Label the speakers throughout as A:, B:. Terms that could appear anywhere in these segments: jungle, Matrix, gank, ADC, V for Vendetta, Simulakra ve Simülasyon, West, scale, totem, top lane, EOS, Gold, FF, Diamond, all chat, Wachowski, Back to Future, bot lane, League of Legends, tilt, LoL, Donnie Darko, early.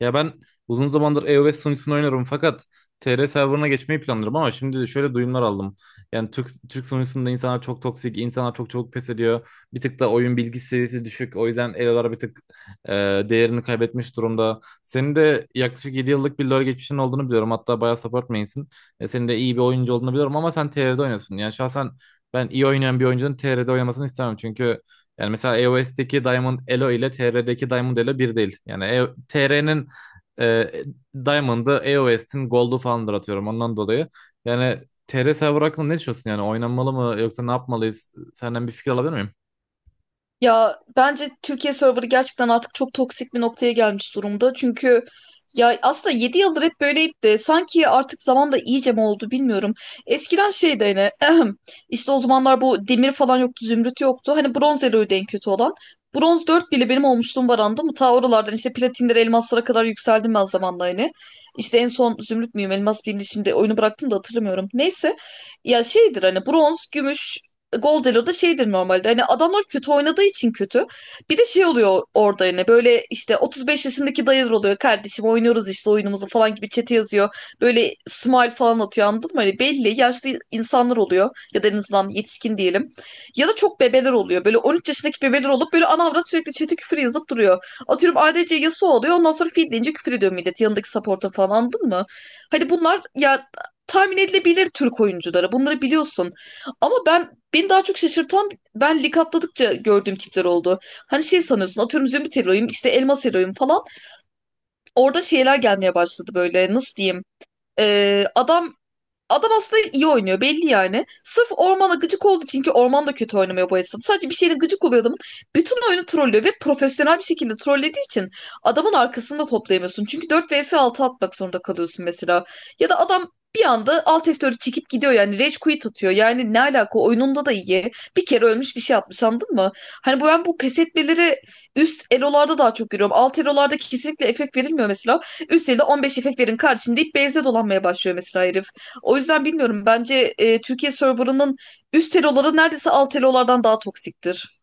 A: Ya ben uzun zamandır EOS sunucusunu oynarım fakat TR serverına geçmeyi planlıyorum ama şimdi de şöyle duyumlar aldım. Yani Türk sunucusunda insanlar çok toksik, insanlar çok çabuk pes ediyor. Bir tık da oyun bilgi seviyesi düşük. O yüzden elolar bir tık e, değerini kaybetmiş durumda. Senin de yaklaşık 7 yıllık bir LoL geçmişin olduğunu biliyorum. Hatta bayağı support main'sin. Senin de iyi bir oyuncu olduğunu biliyorum ama sen TR'de oynuyorsun. Yani şahsen ben iyi oynayan bir oyuncunun TR'de oynamasını istemem. Çünkü yani mesela EOS'teki Diamond Elo ile TR'deki Diamond Elo bir değil. Yani TR'nin e, Diamond'ı, EOS'in Gold'u falandır atıyorum ondan dolayı. Yani TR server hakkında ne düşünüyorsun yani? Oynanmalı mı yoksa ne yapmalıyız? Senden bir fikir alabilir miyim?
B: Ya bence Türkiye serverı gerçekten artık çok toksik bir noktaya gelmiş durumda. Çünkü ya aslında 7 yıldır hep böyleydi de sanki artık zamanla iyice mi oldu bilmiyorum. Eskiden şeydi hani işte o zamanlar bu demir falan yoktu, zümrüt yoktu. Hani bronz eloydu en kötü olan. Bronz 4 bile benim olmuşluğum var, anladın mı? Ta oralardan işte platinlere, elmaslara kadar yükseldim ben zamanla hani. İşte en son zümrüt müyüm, elmas mıyım diye şimdi oyunu bıraktım da hatırlamıyorum. Neyse ya şeydir hani bronz, gümüş. Gol da şeydir normalde hani adamlar kötü oynadığı için kötü. Bir de şey oluyor orada hani böyle işte 35 yaşındaki dayılar oluyor, kardeşim oynuyoruz işte oyunumuzu falan gibi chat'e yazıyor. Böyle smile falan atıyor, anladın mı? Hani belli yaşlı insanlar oluyor ya da en azından yetişkin diyelim. Ya da çok bebeler oluyor, böyle 13 yaşındaki bebeler olup böyle ana avrat sürekli chat'e küfür yazıp duruyor. Atıyorum ADC Yasuo oluyor, ondan sonra feed deyince küfür ediyor millet yanındaki support'a falan, anladın mı? Hani bunlar ya tahmin edilebilir Türk oyuncuları, bunları biliyorsun. Ama ben Beni daha çok şaşırtan ben lig atladıkça gördüğüm tipler oldu. Hani şey sanıyorsun, atıyorum zümrüt hero'yum işte elmas hero'yum falan. Orada şeyler gelmeye başladı, böyle nasıl diyeyim. Ee, adam Adam aslında iyi oynuyor belli yani. Sırf ormana gıcık olduğu için, ki orman da kötü oynamıyor bu esnada. Sadece bir şeyle gıcık oluyor adamın. Bütün oyunu trollüyor ve profesyonel bir şekilde trollediği için adamın arkasını da toplayamıyorsun. Çünkü 4 vs 6 atmak zorunda kalıyorsun mesela. Ya da adam bir anda alt F4'ü çekip gidiyor, yani rage quit atıyor. Yani ne alaka, oyununda da iyi. Bir kere ölmüş bir şey atmış, anladın mı? Hani bu pes etmeleri üst elolarda daha çok görüyorum. Alt elolarda kesinlikle FF verilmiyor mesela. Üst elde 15 FF verin kardeşim deyip base'de dolanmaya başlıyor mesela herif. O yüzden bilmiyorum. Bence Türkiye serverının üst eloları neredeyse alt elolardan daha toksiktir.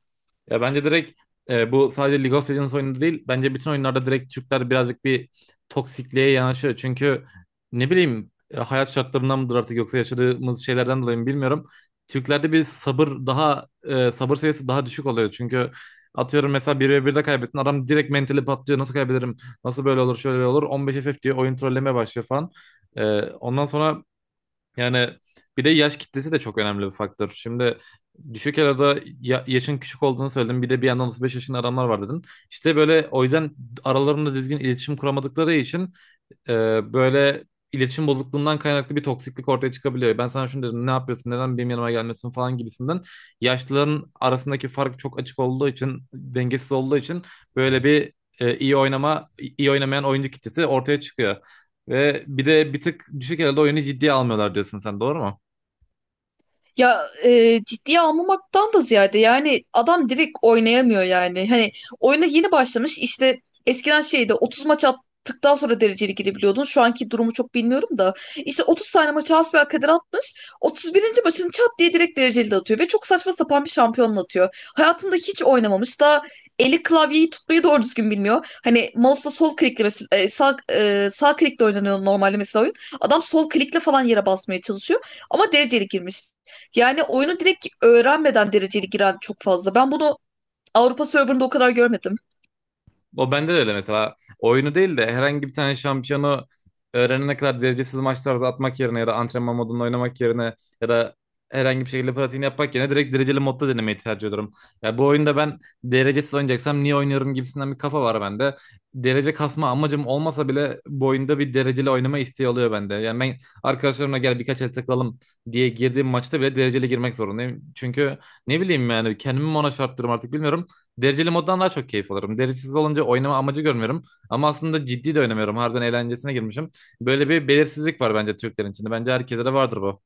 A: Ya bence direkt bu sadece League of Legends oyunu değil. Bence bütün oyunlarda direkt Türkler birazcık bir toksikliğe yanaşıyor. Çünkü ne bileyim hayat şartlarından mıdır artık yoksa yaşadığımız şeylerden dolayı mı bilmiyorum. Türklerde bir sabır daha sabır seviyesi daha düşük oluyor. Çünkü atıyorum mesela bir ve birde kaybettin adam direkt mentali patlıyor. Nasıl kaybederim? Nasıl böyle olur? Şöyle böyle olur. 15 FF diyor oyun trollemeye başlıyor falan. Ondan sonra yani bir de yaş kitlesi de çok önemli bir faktör. Şimdi düşük arada yaşın küçük olduğunu söyledim. Bir de bir yandan 35 yaşında adamlar var dedin. İşte böyle o yüzden aralarında düzgün iletişim kuramadıkları için böyle iletişim bozukluğundan kaynaklı bir toksiklik ortaya çıkabiliyor. Ben sana şunu dedim ne yapıyorsun neden benim yanıma gelmiyorsun falan gibisinden. Yaşlıların arasındaki fark çok açık olduğu için dengesiz olduğu için böyle bir e, iyi oynama iyi oynamayan oyuncu kitlesi ortaya çıkıyor. Ve bir de bir tık düşük elde oyunu ciddiye almıyorlar diyorsun sen doğru mu?
B: Ya ciddiye almamaktan da ziyade yani adam direkt oynayamıyor yani. Hani oyuna yeni başlamış, işte eskiden şeyde 30 maç attıktan sonra dereceli girebiliyordun. Şu anki durumu çok bilmiyorum da. İşte 30 tane maçı hasbelkader atmış. 31. maçını çat diye direkt dereceli de atıyor. Ve çok saçma sapan bir şampiyonla atıyor. Hayatında hiç oynamamış. Daha eli klavyeyi tutmayı doğru düzgün bilmiyor. Hani mouse'la sol klikle mesela, sağ klikle oynanıyor normalde mesela oyun. Adam sol klikle falan yere basmaya çalışıyor. Ama dereceli girmiş. Yani oyunu direkt öğrenmeden dereceli giren çok fazla. Ben bunu Avrupa serverında o kadar görmedim.
A: O bende de öyle mesela. Oyunu değil de herhangi bir tane şampiyonu öğrenene kadar derecesiz maçlarda atmak yerine ya da antrenman modunda oynamak yerine ya da herhangi bir şekilde pratiğini yapmak yerine direkt dereceli modda denemeyi tercih ediyorum. Ya bu oyunda ben derecesiz oynayacaksam niye oynuyorum gibisinden bir kafa var bende. Derece kasma amacım olmasa bile bu oyunda bir dereceli oynama isteği oluyor bende. Yani ben arkadaşlarımla gel birkaç el takılalım diye girdiğim maçta bile dereceli girmek zorundayım. Çünkü ne bileyim yani kendimi mi ona şarttırıyorum artık bilmiyorum. Dereceli moddan daha çok keyif alırım. Derecesiz olunca oynama amacı görmüyorum. Ama aslında ciddi de oynamıyorum. Harbiden eğlencesine girmişim. Böyle bir belirsizlik var bence Türklerin içinde. Bence herkese de vardır bu.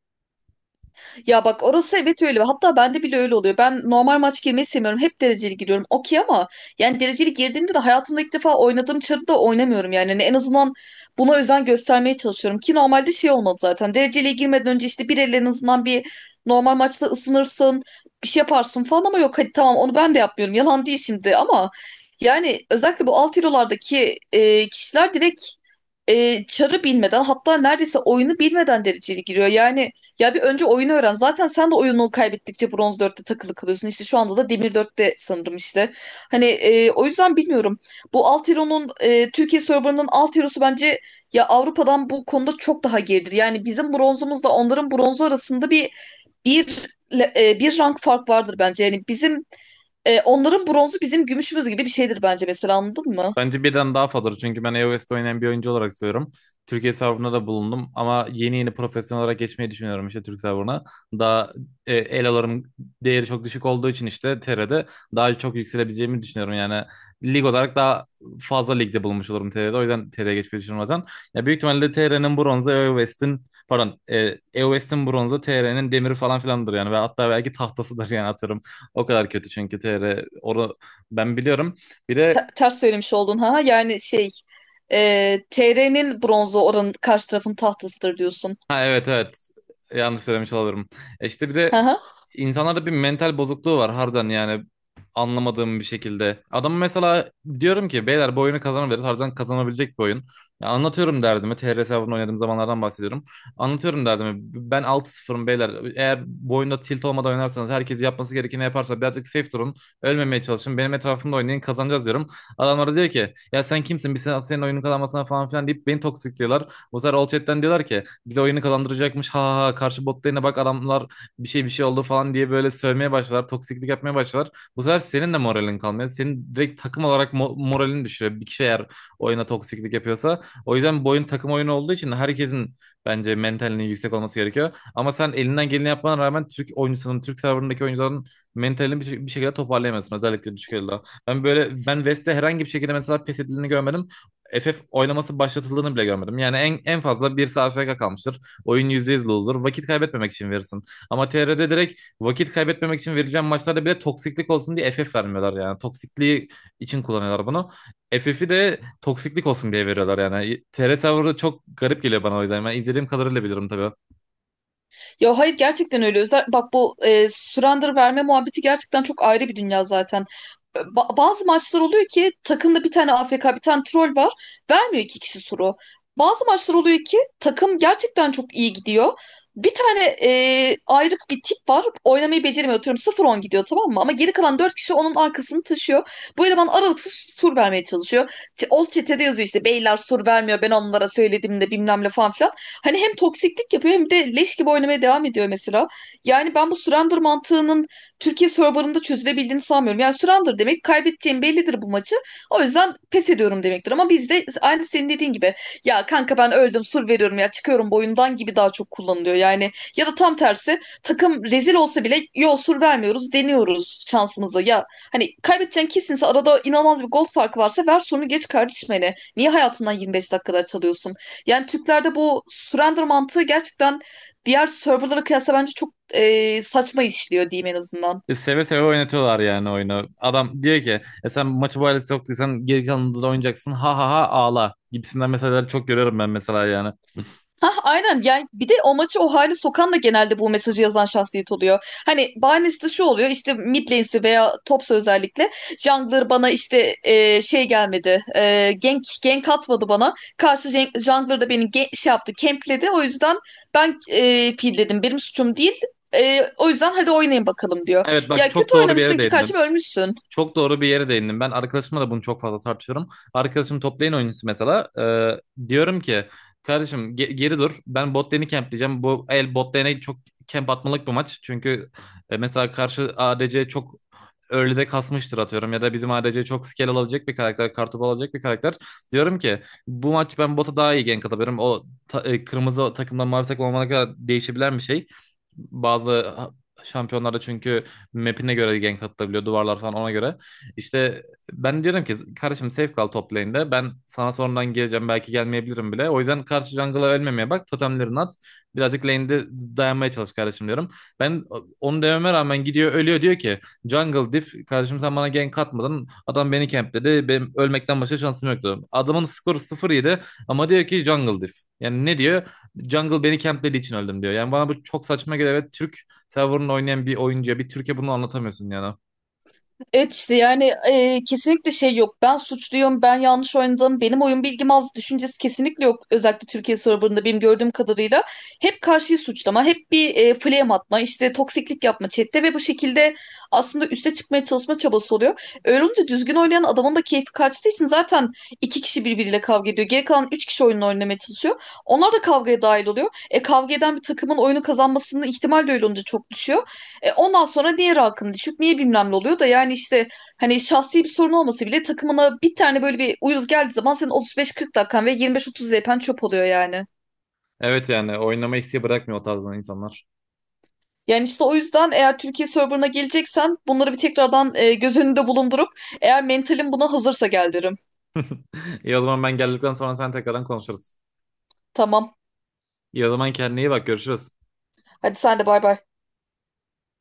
B: Ya bak orası evet öyle. Hatta bende bile öyle oluyor. Ben normal maç girmeyi sevmiyorum. Hep dereceli giriyorum. Okey, ama yani dereceli girdiğimde de hayatımda ilk defa oynadığım çarıda oynamıyorum yani. Hani en azından buna özen göstermeye çalışıyorum. Ki normalde şey olmadı zaten. Dereceliye girmeden önce işte bir el en azından bir normal maçta ısınırsın. Bir şey yaparsın falan, ama yok hadi tamam, onu ben de yapmıyorum. Yalan değil şimdi, ama yani özellikle bu alt hero'lardaki kişiler direkt çarı bilmeden, hatta neredeyse oyunu bilmeden dereceli giriyor. Yani ya bir önce oyunu öğren. Zaten sen de oyunu kaybettikçe bronz dörtte takılı kalıyorsun. İşte şu anda da demir dörtte sanırım işte. Hani o yüzden bilmiyorum. Bu Altero'nun Türkiye serverının Altero'su bence ya Avrupa'dan bu konuda çok daha geridir. Yani bizim bronzumuzla onların bronzu arasında bir bir rank fark vardır bence. Yani bizim onların bronzu bizim gümüşümüz gibi bir şeydir bence mesela, anladın mı?
A: Bence birden daha fazladır. Çünkü ben iOS'te oynayan bir oyuncu olarak söylüyorum. Türkiye serverına da bulundum ama yeni yeni profesyonel olarak geçmeyi düşünüyorum işte Türk serverına. Daha eloların değeri çok düşük olduğu için işte TR'de daha çok yükselebileceğimi düşünüyorum. Yani lig olarak daha fazla ligde bulunmuş olurum TR'de. O yüzden TR'ye geçmeyi düşünüyorum zaten. Ya büyük ihtimalle TR'nin bronzu iOS'in pardon iOS'in bronzu TR'nin demiri falan filandır yani. Ve hatta belki tahtasıdır yani atarım. O kadar kötü çünkü TR onu ben biliyorum. Bir de.
B: Ters söylemiş oldun ha. Yani şey, TR'nin bronzu oranın karşı tarafın tahtasıdır diyorsun.
A: Ha, evet, evet. Yanlış söylemiş olabilirim. İşte bir de insanlarda bir mental bozukluğu var harbiden yani anlamadığım bir şekilde. Adam mesela diyorum ki beyler bu oyunu kazanabiliriz. Harbiden kazanabilecek bir oyun. Ya anlatıyorum derdimi. TR hesabını oynadığım zamanlardan bahsediyorum. Anlatıyorum derdimi. Ben 6 sıfırım beyler. Eğer bu oyunda tilt olmadan oynarsanız herkes yapması gerekeni yaparsa birazcık safe durun. Ölmemeye çalışın. Benim etrafımda oynayın kazanacağız diyorum. Adamlara diyor ki ya sen kimsin? Biz senin oyunun kazanmasına falan filan deyip beni toksikliyorlar. Bu sefer all chat'ten diyorlar ki bize oyunu kazandıracakmış. Ha ha ha, karşı botlarına bak adamlar bir şey oldu falan diye böyle sövmeye başlar. Toksiklik yapmaya başlar. Bu sefer senin de moralin kalmıyor. Senin direkt takım olarak moralini düşürüyor. Bir kişi eğer oyuna toksiklik yapıyorsa. O yüzden bu oyun takım oyunu olduğu için herkesin bence mentalinin yüksek olması gerekiyor. Ama sen elinden geleni yapmana rağmen Türk oyuncusunun, Türk serverındaki oyuncuların mentalini bir şekilde toparlayamıyorsun. Özellikle düşük elde. Ben böyle ben West'te herhangi bir şekilde mesela pes edildiğini görmedim. FF oylaması başlatıldığını bile görmedim. Yani en fazla bir saat FK kalmıştır. Oyun %100 loser. Vakit kaybetmemek için verirsin. Ama TR'de direkt vakit kaybetmemek için verilen maçlarda bile toksiklik olsun diye FF vermiyorlar yani. Toksikliği için kullanıyorlar bunu. FF'i de toksiklik olsun diye veriyorlar yani. TR tavrı çok garip geliyor bana o yüzden. Ben izlediğim kadarıyla bilirim tabii.
B: Ya hayır, gerçekten öyle. Bak, bu surrender verme muhabbeti gerçekten çok ayrı bir dünya zaten. Bazı maçlar oluyor ki takımda bir tane AFK, bir tane troll var. Vermiyor iki kişi suru. Bazı maçlar oluyor ki takım gerçekten çok iyi gidiyor. Bir tane ayrık bir tip var. Oynamayı beceremiyor. Atıyorum 0-10 gidiyor, tamam mı? Ama geri kalan 4 kişi onun arkasını taşıyor. Bu eleman aralıksız tur vermeye çalışıyor. Old O çetede yazıyor işte, beyler soru vermiyor, ben onlara söyledim de bilmem ne falan filan. Hani hem toksiklik yapıyor hem de leş gibi oynamaya devam ediyor mesela. Yani ben bu surrender mantığının Türkiye serverında çözülebildiğini sanmıyorum. Yani surrender demek kaybedeceğim bellidir bu maçı. O yüzden pes ediyorum demektir. Ama bizde aynı senin dediğin gibi, ya kanka ben öldüm sur veriyorum ya çıkıyorum boyundan gibi daha çok kullanılıyor. Yani ya da tam tersi takım rezil olsa bile yo sur vermiyoruz, deniyoruz şansımıza. Ya hani kaybedeceğin kesinse, arada inanılmaz bir gol farkı varsa ver sorunu geç kardeşim hele. Niye hayatından 25 dakikada çalıyorsun? Yani Türklerde bu surrender mantığı gerçekten diğer serverlara kıyasla bence çok saçma işliyor diyeyim en azından.
A: Seve seve oynatıyorlar yani oyunu. Adam diyor ki sen maçı bu hale soktuysan geri kalanında da oynayacaksın. Ha ha ha ağla gibisinden mesajları çok görüyorum ben mesela yani.
B: Hah aynen, yani bir de o maçı o hale sokan da genelde bu mesajı yazan şahsiyet oluyor. Hani bahanesi de şu oluyor, işte mid lane'si veya topsa özellikle jungler bana, işte şey gelmedi, gank atmadı bana. Karşı jungler da beni şey yaptı, campledi, o yüzden ben dedim benim suçum değil. E, o yüzden hadi oynayın bakalım
A: Evet
B: diyor.
A: bak
B: Ya
A: çok
B: kötü
A: doğru bir yere
B: oynamışsın ki
A: değindin.
B: karşıma ölmüşsün.
A: Çok doğru bir yere değindim. Ben arkadaşımla da bunu çok fazla tartışıyorum. Arkadaşım toplayın oyuncusu mesela. Diyorum ki kardeşim geri dur. Ben bot lane'i campleyeceğim. Bu el bot lane'e çok camp atmalık bir maç. Çünkü mesela karşı ADC çok early'de kasmıştır atıyorum. Ya da bizim ADC çok scale alabilecek bir karakter. Kartopu alabilecek bir karakter. Diyorum ki bu maç ben bota daha iyi gank atabilirim. O kırmızı takımdan mavi takım olana kadar değişebilen bir şey. Bazı şampiyonlarda çünkü map'ine göre gank atılabiliyor duvarlar falan ona göre. İşte ben diyorum ki kardeşim safe kal top lane'de. Ben sana sonradan geleceğim belki gelmeyebilirim bile. O yüzden karşı jungle'a ölmemeye bak. Totemlerini at. Birazcık lane'de dayanmaya çalış kardeşim diyorum. Ben onu dememe rağmen gidiyor ölüyor diyor ki jungle diff kardeşim sen bana gank atmadın. Adam beni campledi. Benim ölmekten başka şansım yoktu. Adamın skoru 0-7 ama diyor ki jungle diff. Yani ne diyor? Jungle beni camplediği için öldüm diyor. Yani bana bu çok saçma geliyor. Evet Türk Tavern'la oynayan bir oyuncuya bir Türkiye bunu anlatamıyorsun yani.
B: Evet işte yani, kesinlikle şey yok. Ben suçluyum, ben yanlış oynadım, benim oyun bilgim az düşüncesi kesinlikle yok. Özellikle Türkiye serverında benim gördüğüm kadarıyla hep karşıyı suçlama, hep bir flame atma, işte toksiklik yapma chatte ve bu şekilde aslında üste çıkmaya çalışma çabası oluyor. Öyle olunca düzgün oynayan adamın da keyfi kaçtığı için zaten iki kişi birbiriyle kavga ediyor. Geri kalan üç kişi oyununu oynamaya çalışıyor. Onlar da kavgaya dahil oluyor. E kavga eden bir takımın oyunu kazanmasının ihtimal de öyle olunca çok düşüyor. E, ondan sonra diğer halkın düşük niye bilmem ne oluyor da, yani işte hani şahsi bir sorun olması bile, takımına bir tane böyle bir uyuz geldiği zaman senin 35-40 dakikan ve 25-30 DP'n çöp oluyor yani.
A: Evet yani oynama isteği bırakmıyor o tarzdan insanlar.
B: Yani işte o yüzden eğer Türkiye serverına geleceksen bunları bir tekrardan göz önünde bulundurup, eğer mentalin buna hazırsa gel derim.
A: İyi o zaman ben geldikten sonra sen tekrardan konuşuruz.
B: Tamam.
A: İyi o zaman kendine iyi bak görüşürüz.
B: Hadi sen de bay bay.